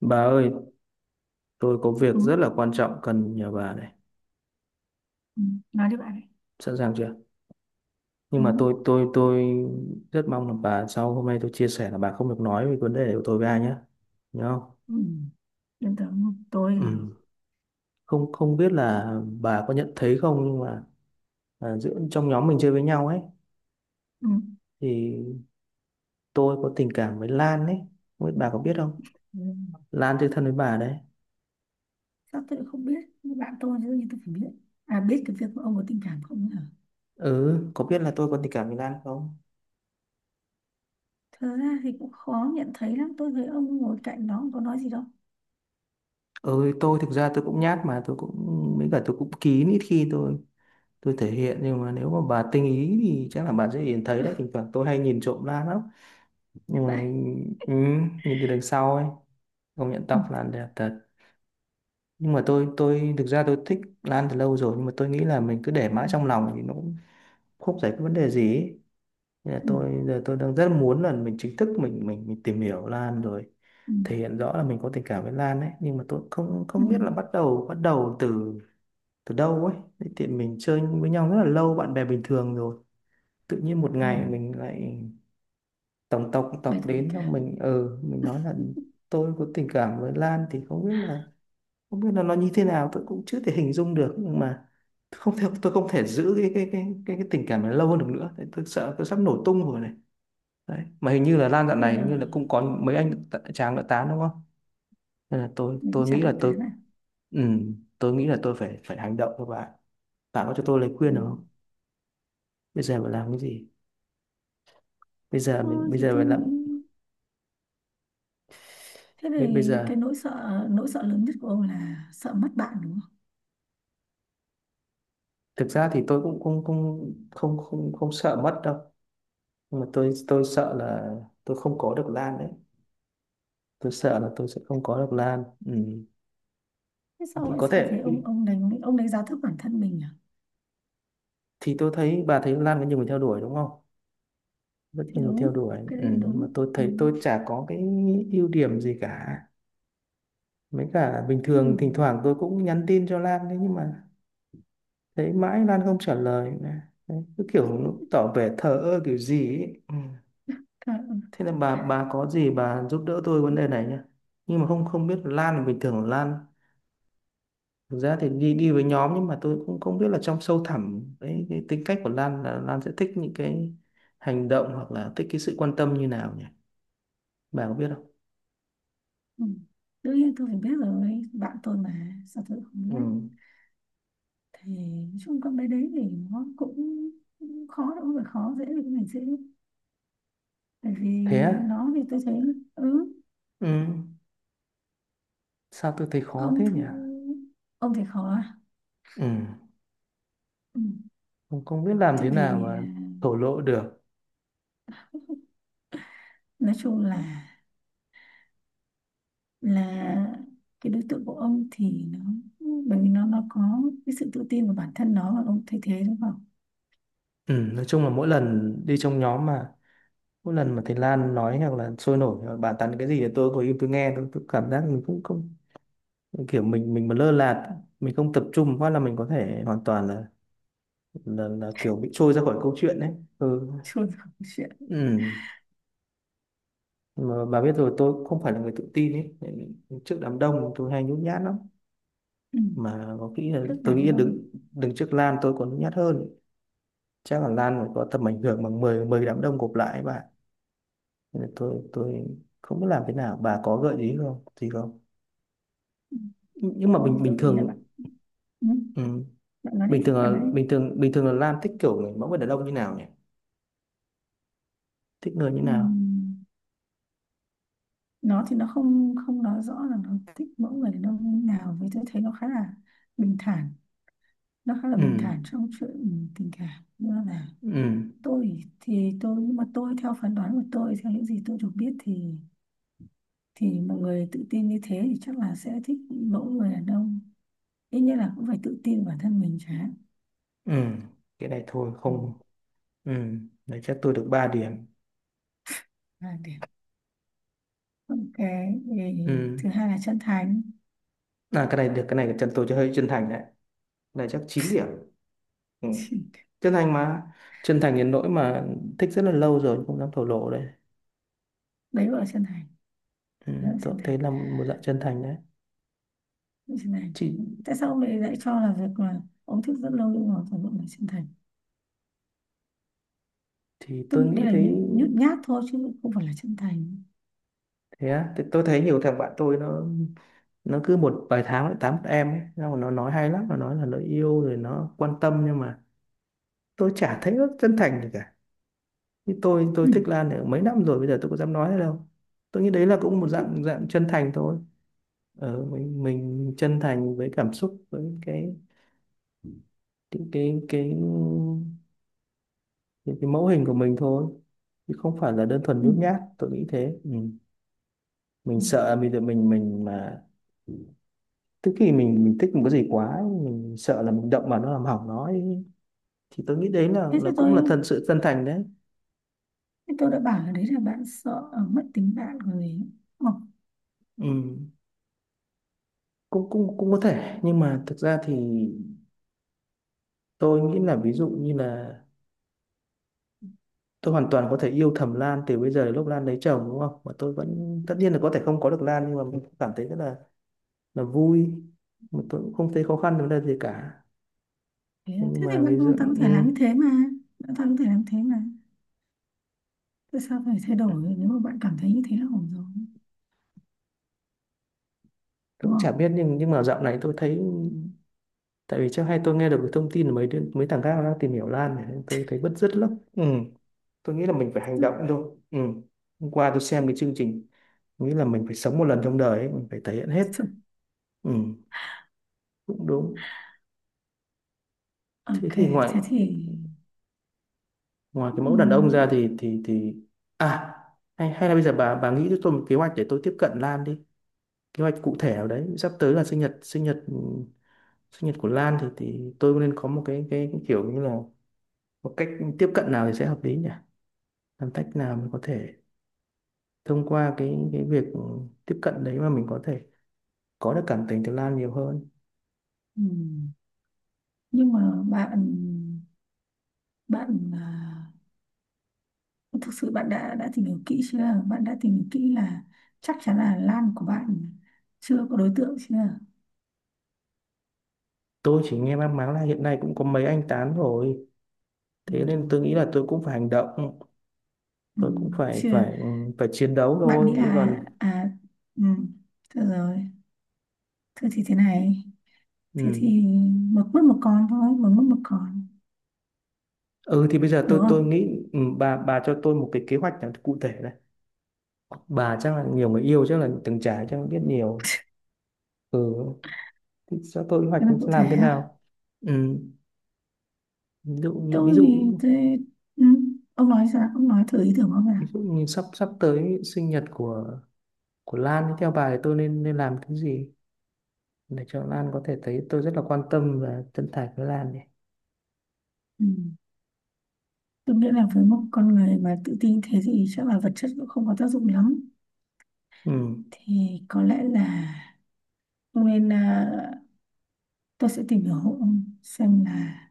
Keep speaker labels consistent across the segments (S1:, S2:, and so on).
S1: Bà ơi, tôi có việc
S2: Ừ,
S1: rất là quan trọng cần nhờ bà này.
S2: ừ, nói đi bạn ấy.
S1: Sẵn sàng chưa? Nhưng
S2: Ừ.
S1: mà tôi rất mong là bà, sau hôm nay tôi chia sẻ, là bà không được nói về vấn đề của tôi với ai nhé. Nhớ không?
S2: Ừ. Yên tưởng không?
S1: Ừ. Không không biết là bà có nhận thấy không, nhưng mà giữa trong nhóm mình chơi với nhau ấy
S2: Ừ.
S1: thì tôi có tình cảm với Lan ấy. Không biết bà có biết không?
S2: Ừ.
S1: Lan chơi thân với bà đấy.
S2: Sao tôi lại không biết? Bạn tôi chứ, nhưng tôi phải biết cái việc của ông có tình cảm không nhỉ?
S1: Ừ, có biết là tôi có tình cảm với Lan không?
S2: Thật ra thì cũng khó nhận thấy lắm, tôi thấy ông ngồi cạnh nó không có nói gì đâu.
S1: Ừ, tôi thực ra tôi cũng nhát, mà tôi cũng với cả tôi cũng kín, ít khi tôi thể hiện, nhưng mà nếu mà bà tinh ý thì chắc là bà sẽ nhìn thấy đấy, thỉnh thoảng tôi hay nhìn trộm Lan lắm. Nhưng
S2: Vậy.
S1: mà ừ, nhìn từ đằng sau ấy, công nhận
S2: Ừ.
S1: tóc Lan đẹp thật. Nhưng mà tôi thực ra tôi thích Lan từ lâu rồi, nhưng mà tôi nghĩ là mình cứ để
S2: Ừ.
S1: mãi trong lòng thì nó cũng không giải quyết vấn đề gì ấy. Nên là
S2: Ừ,
S1: tôi giờ tôi đang rất muốn là mình chính thức mình tìm hiểu Lan rồi
S2: ừ,
S1: thể hiện rõ là mình có tình cảm với Lan ấy, nhưng mà tôi không
S2: ừ.
S1: không biết là bắt đầu từ từ đâu ấy. Thế thì mình chơi với nhau rất là lâu, bạn bè bình thường rồi tự nhiên một
S2: Ừ.
S1: ngày mình lại tổng tộc
S2: Bày
S1: tộc
S2: tỏ tình
S1: đến, xong
S2: cảm.
S1: mình ừ mình nói là tôi có tình cảm với Lan thì không biết là, không biết là nó như thế nào tôi cũng chưa thể hình dung được. Nhưng mà không thể, tôi không thể giữ cái tình cảm này lâu hơn được nữa. Đấy, tôi sợ tôi sắp nổ tung rồi này. Đấy, mà hình như là Lan dạo
S2: Thế,
S1: này hình như là cũng có mấy anh chàng đã tán đúng không, nên là tôi
S2: mình cũng
S1: tôi nghĩ
S2: chẳng biết
S1: là
S2: thế
S1: tôi
S2: nào.
S1: ừ, tôi nghĩ là tôi phải phải hành động. Các bạn, bạn có cho tôi lời
S2: Ừ.
S1: khuyên được không, bây giờ phải làm cái gì, bây giờ mình
S2: Thôi
S1: bây
S2: thì
S1: giờ
S2: tôi
S1: phải làm.
S2: nghĩ, thế
S1: Bây
S2: thì
S1: giờ
S2: cái nỗi sợ, nỗi sợ lớn nhất của ông là sợ mất bạn, đúng không?
S1: thực ra thì tôi cũng cũng cũng không không không sợ mất đâu, nhưng mà tôi sợ là tôi không có được Lan đấy, tôi sợ là tôi sẽ không có được Lan. Ừ.
S2: Thế sao
S1: Thì
S2: lại,
S1: có
S2: sao thế
S1: thể,
S2: ông đánh giá thấp bản thân mình à?
S1: thì tôi thấy bà thấy Lan có nhiều người theo đuổi đúng không, rất
S2: Thì
S1: nhiều người theo
S2: đúng,
S1: đuổi.
S2: cái
S1: Ừ.
S2: đấy là
S1: Mà
S2: đúng.
S1: tôi
S2: Ừ.
S1: thấy tôi chả có cái ưu điểm gì cả, mấy cả bình
S2: Ừ.
S1: thường thỉnh thoảng tôi cũng nhắn tin cho Lan đấy, nhưng mà thấy mãi Lan không trả lời đấy. Cứ kiểu nó tỏ vẻ thờ ơ kiểu gì ấy. Ừ.
S2: Cả,
S1: Thế là bà có gì bà giúp đỡ tôi vấn đề này nhá. Nhưng mà không không biết Lan là bình thường Lan, thực ra thì đi đi với nhóm, nhưng mà tôi cũng không biết là trong sâu thẳm cái tính cách của Lan là Lan sẽ thích những cái hành động hoặc là thích cái sự quan tâm như nào nhỉ? Bà có biết không?
S2: ừ. Đương nhiên tôi phải biết rồi, bạn tôi mà sao tôi không biết.
S1: Ừ.
S2: Thì nói chung con bé đấy thì nó cũng khó, đâu phải khó, dễ thì cũng phải dễ. Bởi vì
S1: Thế á?
S2: nó thì tôi thấy, ừ,
S1: Ừ. Sao tôi thấy khó thế
S2: ông
S1: nhỉ?
S2: thư- ông thì khó à?
S1: Ừ.
S2: Ừ.
S1: Không, không biết làm
S2: Thì
S1: thế nào
S2: vì
S1: mà thổ lộ được.
S2: nói chung là cái đối tượng của ông thì nó, bởi vì nó có cái sự tự tin vào bản thân nó và ông thay thế nó vào
S1: Ừ. Nói chung là mỗi lần đi trong nhóm mà mỗi lần mà thầy Lan nói hoặc là sôi nổi hoặc bàn tán cái gì thì tôi ngồi im tôi nghe, tôi cảm giác mình cũng không, kiểu mình mà lơ là mình không tập trung quá là mình có thể hoàn toàn là là kiểu bị trôi ra khỏi câu chuyện đấy. Ừ.
S2: chuồn vào chuyện.
S1: Ừ, mà bà biết rồi, tôi không phải là người tự tin ấy, trước đám đông tôi hay nhút nhát lắm.
S2: Ừ.
S1: Mà có khi là
S2: Rất
S1: tôi nghĩ
S2: đám
S1: là
S2: đông.
S1: đứng đứng trước Lan tôi còn nhút nhát hơn, chắc là Lan phải có tầm ảnh hưởng bằng 10 10 đám đông gộp lại ấy bà. Nên là tôi không biết làm thế nào, bà có gợi ý không gì không.
S2: Ừ.
S1: Nhưng mà
S2: Tôi
S1: bình
S2: thì
S1: bình
S2: tôi gợi ý là bạn.
S1: thường.
S2: Ừ.
S1: Ừ.
S2: Bạn nói
S1: Bình thường
S2: đi, bạn
S1: là
S2: nói đi.
S1: bình thường là Lan thích kiểu người mẫu người đàn ông như nào nhỉ, thích người như
S2: Ừ.
S1: nào.
S2: Nó thì nó không không nói rõ là nó thích mẫu người đàn ông như nào, với tôi thấy nó khá là bình thản. Nó khá là
S1: Ừ
S2: bình thản trong chuyện tình cảm, như là
S1: ừ
S2: tôi thì tôi, nhưng mà tôi theo phán đoán của tôi, theo những gì tôi được biết thì mọi người tự tin như thế thì chắc là sẽ thích mẫu người đàn ông ít nhất là cũng phải tự tin bản thân mình chứ.
S1: ừ, cái này thôi
S2: Ừ.
S1: không. Ừ, đấy chắc tôi được 3 điểm.
S2: 2 điểm. Ok, thì
S1: Ừ
S2: thứ hai là chân thành.
S1: à, cái này được, cái này chân, tôi cho hơi chân thành đấy, cái này chắc 9 điểm. Ừ. Chân thành mà, chân thành đến nỗi mà thích rất là lâu rồi không dám thổ lộ đấy.
S2: Đấy gọi là chân thành.
S1: Ừ.
S2: Đấy là
S1: Tôi
S2: chân
S1: cũng thấy
S2: thành.
S1: là một dạng chân thành đấy.
S2: Đấy là chân thành.
S1: Chị,
S2: Tại sao ông lại, lại cho là việc là ông thích rất lâu nhưng mà phải gọi là chân thành?
S1: thì
S2: Tôi
S1: tôi
S2: nghĩ
S1: nghĩ
S2: đây là
S1: thấy.
S2: nhút nhát thôi chứ không phải là chân thành.
S1: Thế á, thì tôi thấy nhiều thằng bạn tôi nó cứ một vài tháng lại tám em ấy xong rồi nó nói hay lắm, nó nói là nó yêu rồi nó quan tâm, nhưng mà tôi chả thấy nó chân thành gì cả. Thì tôi
S2: Ừ.
S1: thích Lan được mấy năm rồi bây giờ tôi có dám nói thế đâu. Tôi nghĩ đấy là cũng một dạng dạng chân thành thôi. Ờ, mình chân thành với cảm xúc với cái cái cái, cái mẫu hình của mình thôi, chứ không phải là đơn thuần
S2: Ừ.
S1: nhút nhát, tôi nghĩ thế. Ừ. mình
S2: Ừ.
S1: sợ mình mình mình mà, tức khi mình thích một cái gì quá ấy, mình sợ là mình động vào nó làm hỏng nó ấy. Thì tôi nghĩ đấy
S2: thế
S1: là
S2: thì
S1: cũng
S2: tôi
S1: là thật sự chân thành đấy.
S2: Thế tôi đã bảo là đấy là bạn sợ, mất tính bạn rồi gì, hoặc.
S1: Ừ, cũng cũng cũng có thể, nhưng mà thực ra thì tôi nghĩ là ví dụ như là tôi hoàn toàn có thể yêu thầm Lan từ bây giờ đến lúc Lan lấy chồng đúng không, mà tôi vẫn tất nhiên là có thể không có được Lan, nhưng mà mình cũng cảm thấy rất là vui, mà tôi cũng không thấy khó khăn vấn đề gì cả.
S2: Thế, à?
S1: Thế nhưng
S2: Thế
S1: mà
S2: thì bạn
S1: ví dụ
S2: hoàn toàn có thể làm như thế mà. Bạn toàn có thể làm thế mà. Tại sao phải thay đổi nếu mà bạn cảm thấy như thế là ổn rồi?
S1: tôi
S2: Đúng
S1: cũng chả
S2: không?
S1: biết, nhưng mà dạo này tôi thấy tại vì trước hay tôi nghe được cái thông tin là mấy đứa, mấy thằng khác nó đang tìm hiểu Lan này nên tôi thấy bứt rứt lắm. Ừ. Tôi nghĩ là mình phải hành động thôi. Ừ. Hôm qua tôi xem cái chương trình, nghĩ là mình phải sống một lần trong đời ấy, mình phải thể hiện hết.
S2: Thực-
S1: Ừ, cũng đúng. Thế
S2: Ok,
S1: thì ngoại,
S2: thế thì,
S1: ngoài cái mẫu đàn
S2: ừm,
S1: ông ra thì thì à, hay hay là bây giờ bà nghĩ cho tôi một kế hoạch để tôi tiếp cận Lan đi, kế hoạch cụ thể nào đấy, sắp tới là sinh nhật của Lan thì tôi nên có một cái kiểu như là một cách tiếp cận nào thì sẽ hợp lý nhỉ. Làm cách nào mình có thể thông qua cái việc tiếp cận đấy mà mình có thể có được cảm tình từ Lan nhiều hơn.
S2: ừm, nhưng mà bạn, bạn à, thực sự bạn đã tìm hiểu kỹ chưa? Bạn đã tìm hiểu kỹ là chắc chắn là Lan của bạn chưa có đối tượng chưa?
S1: Tôi chỉ nghe mang máng là hiện nay cũng có mấy anh tán rồi, thế nên
S2: Ừm,
S1: tôi nghĩ là tôi cũng phải hành động, tôi cũng phải
S2: Chưa.
S1: phải ừ, phải chiến đấu
S2: Bạn nghĩ
S1: thôi chứ
S2: là
S1: còn.
S2: à, ừm, được rồi. Thế thì thế này, thế
S1: Ừ.
S2: thì một mất một con thôi, một mất một con.
S1: Ừ thì bây giờ
S2: Đúng
S1: tôi
S2: không?
S1: nghĩ ừ, bà cho tôi một cái kế hoạch nào cụ thể này. Bà chắc là nhiều người yêu, chắc là từng trải, chắc là biết nhiều. Ừ, thì cho tôi kế hoạch
S2: Thế là cụ
S1: làm thế
S2: thể à?
S1: nào? Ừ. Ví dụ như, ví
S2: Tôi thì
S1: dụ,
S2: tôi, ừ, ông nói sao, ông nói thử ý tưởng của ông nào.
S1: ví dụ như sắp sắp tới sinh nhật của Lan thì theo bà thì tôi nên nên làm cái gì để cho Lan có thể thấy tôi rất là quan tâm và chân thành với Lan này.
S2: Ừ. Tôi nghĩ là với một con người mà tự tin thế thì chắc là vật chất cũng không có tác dụng lắm.
S1: Ừ.
S2: Thì có lẽ là ông nên, tôi sẽ tìm hiểu hộ ông xem là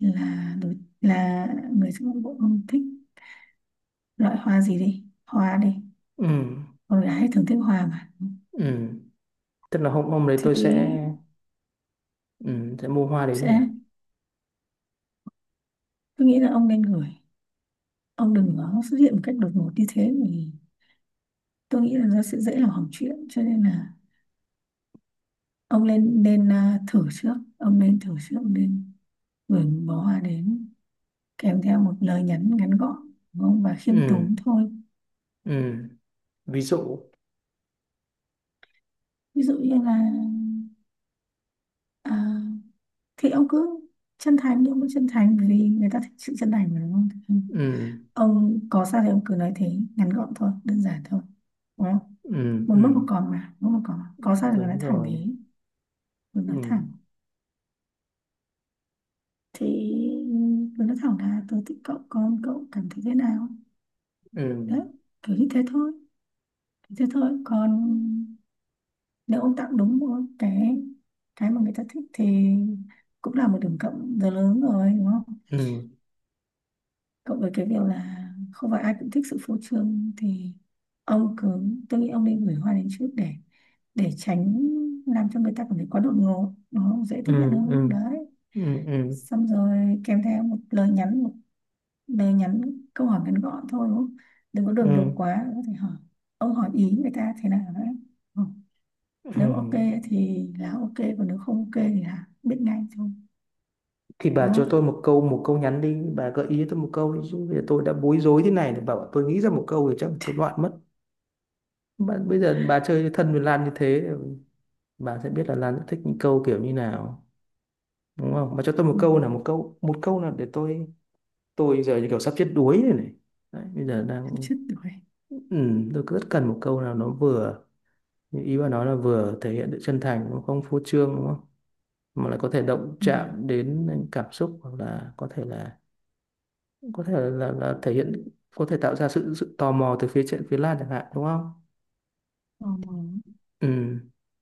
S2: là đối là người trong ngũ của ông thích loại hoa gì, đi hoa đi.
S1: Ừ.
S2: Con gái thường thích hoa mà.
S1: Ừ. Tức là hôm hôm đấy tôi sẽ
S2: Thì
S1: ừ, sẽ mua hoa đến
S2: sẽ,
S1: nhỉ?
S2: tôi nghĩ là ông nên gửi, ông đừng có xuất hiện một cách đột ngột như thế thì tôi nghĩ là nó sẽ dễ làm hỏng chuyện. Cho nên là ông nên nên à, thử trước. Ông nên thử trước. Ông nên gửi một bó hoa đến, kèm theo một lời nhắn ngắn gọn, đúng không? Và khiêm
S1: Ừ.
S2: tốn thôi.
S1: Ừ. Ví dụ.
S2: Ví dụ như là, à, thì ông cứ chân thành, nhưng vẫn chân thành vì người ta thích sự chân thành mà, đúng không? Ừ.
S1: Ừ.
S2: Ông có sao thì ông cứ nói thế, ngắn gọn thôi, đơn giản thôi, đúng không?
S1: Ừ
S2: Một
S1: ừ
S2: mất một còn mà, một mất một còn mà. Có sao thì cứ nói
S1: đúng
S2: thẳng
S1: rồi.
S2: thế. Cứ nói
S1: Ừ
S2: thẳng. Thì tôi nói thẳng là tôi thích cậu, con cậu cảm thấy thế nào?
S1: ừ
S2: Đấy, kiểu như thế thôi. Thế thôi. Còn nếu ông tặng đúng một cái mà người ta thích, thì cũng là một điểm cộng rất lớn rồi, đúng không?
S1: ừ
S2: Cộng với cái việc là không phải ai cũng thích sự phô trương, thì ông cứ, tôi nghĩ ông nên gửi hoa đến trước để tránh làm cho người ta cảm thấy quá đột ngột, nó dễ
S1: ừ
S2: tiếp nhận
S1: ừ
S2: hơn đấy.
S1: ừ ừ
S2: Xong rồi kèm theo một lời nhắn, một bé nhắn, câu hỏi ngắn gọn thôi, đúng không? Đừng có đường đột
S1: ừ
S2: quá, có thể hỏi. Ông hỏi ý người ta thế nào đấy. Ừ.
S1: ừ.
S2: Nếu ok thì là ok, còn nếu không ok thì là biết ngay thôi.
S1: Thì bà
S2: Đúng
S1: cho tôi
S2: không?
S1: một câu, một câu nhắn đi, bà gợi ý cho tôi một câu đi chứ bây giờ tôi đã bối rối thế này, bảo bảo tôi nghĩ ra một câu thì chắc tôi loạn mất. Bà, bây giờ bà chơi thân với Lan như thế, bà sẽ biết là Lan sẽ thích những câu kiểu như nào đúng không, bà cho tôi một
S2: Ừ.
S1: câu, là một câu, một câu là để tôi giờ như kiểu sắp chết đuối rồi này. Đấy, bây giờ
S2: Chút
S1: đang
S2: chút tuổi.
S1: ừ, tôi rất cần một câu nào nó vừa. Nhưng ý bà nói là vừa thể hiện sự chân thành, nó không phô trương đúng không, mà lại có thể động
S2: Ừ.
S1: chạm đến cảm xúc hoặc là có thể là, có thể là, thể hiện, có thể tạo ra sự sự tò mò từ phía Lan chẳng hạn đúng không.
S2: Ờ.
S1: Ừ,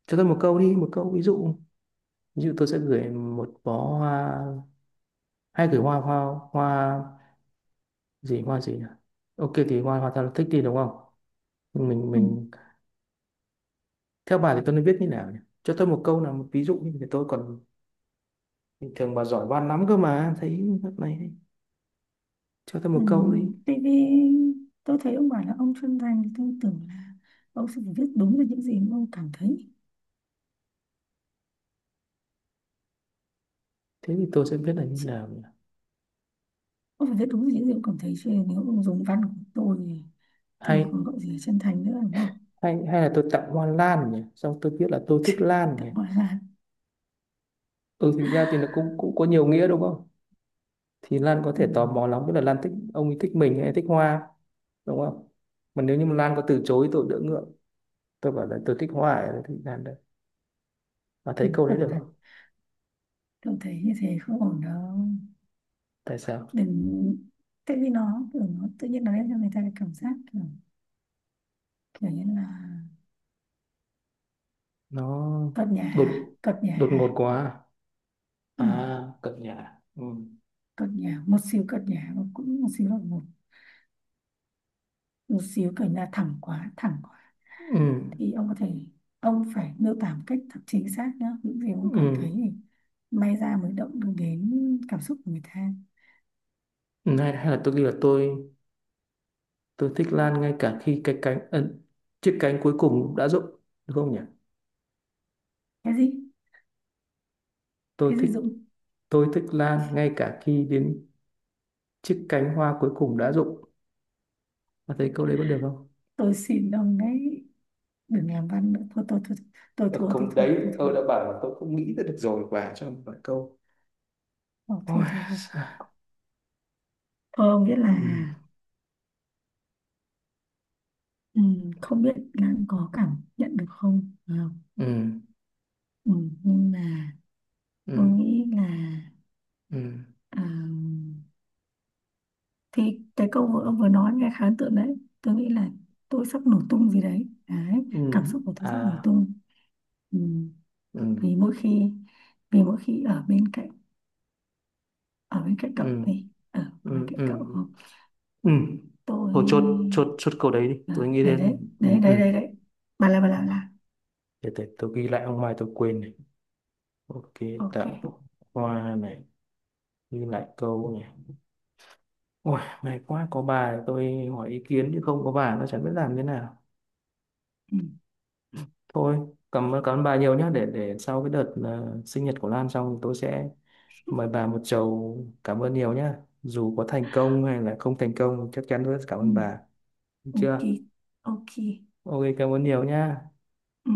S1: cho tôi một câu đi, một câu ví dụ. Ví dụ tôi sẽ gửi một bó hoa, hay gửi hoa, hoa hoa gì, hoa gì nhỉ? Ok, thì hoa hoa ta thích đi đúng không, mình
S2: Ừ.
S1: mình theo bà thì tôi nên viết như nào nhỉ, cho tôi một câu, là một ví dụ như thế tôi còn. Bình thường bà giỏi văn lắm cơ mà, thấy này, cho tôi
S2: Ừ.
S1: một câu đi,
S2: Tại vì tôi thấy ông bảo là ông chuyên ngành thì tôi tưởng là ông sẽ phải viết đúng được những gì mà ông cảm thấy.
S1: thế thì tôi sẽ biết là như
S2: Chứ
S1: nào nhỉ.
S2: ông phải viết đúng được những gì ông cảm thấy chứ, nếu ông dùng văn của tôi thì còn
S1: Hay
S2: gọi gì là chân thành nữa, đúng không?
S1: hay hay là tôi tặng hoa lan nhỉ, xong tôi biết là tôi thích lan nhỉ.
S2: Tạm gọi là.
S1: Ừ, thực ra thì nó cũng cũng có nhiều nghĩa đúng không, thì Lan có
S2: Ừ,
S1: thể tò mò lắm, biết là Lan thích ông ấy, thích mình hay thích hoa, đúng không. Mà nếu như mà Lan có từ chối tôi đỡ ngượng, tôi bảo là tôi thích hoa ấy, thì Lan đấy. Và thấy
S2: thấy
S1: câu đấy
S2: ổn
S1: được
S2: thật.
S1: không?
S2: Tôi thấy như thế không ổn đâu.
S1: Tại sao?
S2: Đừng. Tại vì nó kiểu, nó tự nhiên nó đem cho người ta cái cảm giác kiểu, kiểu như là
S1: Nó
S2: cợt nhả hả?
S1: đột
S2: Cợt nhả
S1: đột ngột
S2: hả?
S1: quá.
S2: Ừ,
S1: À à, cập nhà. Ừ.
S2: cợt nhả một xíu, cợt nhả, và cũng một xíu là một một xíu kiểu như là thẳng quá, thẳng quá.
S1: Ừ.
S2: Thì ông có thể, ông phải miêu tả một cách thật chính xác nhá những gì ông cảm
S1: Ừ.
S2: thấy, thì may ra mới động được đến cảm xúc của người ta.
S1: Hay, hay là tôi ghi là tôi thích Lan ngay cả khi cái cánh ấn chiếc cánh cuối cùng đã rụng, đúng không nhỉ?
S2: Cái gì?
S1: Tôi
S2: Cái gì
S1: thích
S2: Dũng?
S1: tôi thích Lan ngay cả khi đến chiếc cánh hoa cuối cùng đã rụng. Bạn thấy câu đấy có được không?
S2: Tôi xin ông đấy, đừng làm văn nữa. Thôi tôi
S1: Ờ,
S2: thua. Tôi
S1: không,
S2: thua.
S1: đấy
S2: Tôi thua.
S1: tôi đã bảo là tôi không nghĩ ra được rồi, bà cho một vài câu.
S2: Ờ, thua
S1: Ôi,
S2: thua thua.
S1: xa.
S2: Thua nghĩa là,
S1: Ừ,
S2: ừ, không biết là có cảm nhận được không phải không?
S1: ừ,
S2: Ừ. Nhưng mà tôi
S1: ừ,
S2: nghĩ là,
S1: ừ,
S2: à, thì cái câu vừa ông vừa nói nghe khá ấn tượng đấy. Tôi nghĩ là tôi sắp nổ tung gì đấy, đấy
S1: ừ,
S2: cảm xúc của tôi sắp nổ
S1: à,
S2: tung. Ừ.
S1: ừ,
S2: Vì mỗi khi, vì mỗi khi ở bên cạnh, ở bên cạnh
S1: ừ,
S2: cậu ấy, ở, ở bên
S1: ừ,
S2: cạnh
S1: ừ,
S2: cậu,
S1: ừ. Thôi chốt,
S2: tôi,
S1: chốt câu đấy đi.
S2: à,
S1: Tôi nghĩ
S2: đấy đấy
S1: đến, ừ,
S2: đấy đấy
S1: ừ.
S2: đấy đấy, bà là bà là bà là.
S1: Để tôi ghi lại ông mai tôi quên này. Ok,
S2: Ok.
S1: tặng hoa này, ghi lại câu này. Ôi, may quá có bà tôi hỏi ý kiến chứ không có bà nó chẳng biết làm thế nào.
S2: Ừ.
S1: Thôi, cảm ơn bà nhiều nhé, để sau cái đợt sinh nhật của Lan xong tôi sẽ mời bà một chầu, cảm ơn nhiều nhé. Dù có thành công hay là không thành công chắc chắn tôi sẽ cảm
S2: Ừ.
S1: ơn bà. Được
S2: Ok.
S1: chưa?
S2: Ok.
S1: Ok, cảm ơn nhiều nhé.
S2: Ừ.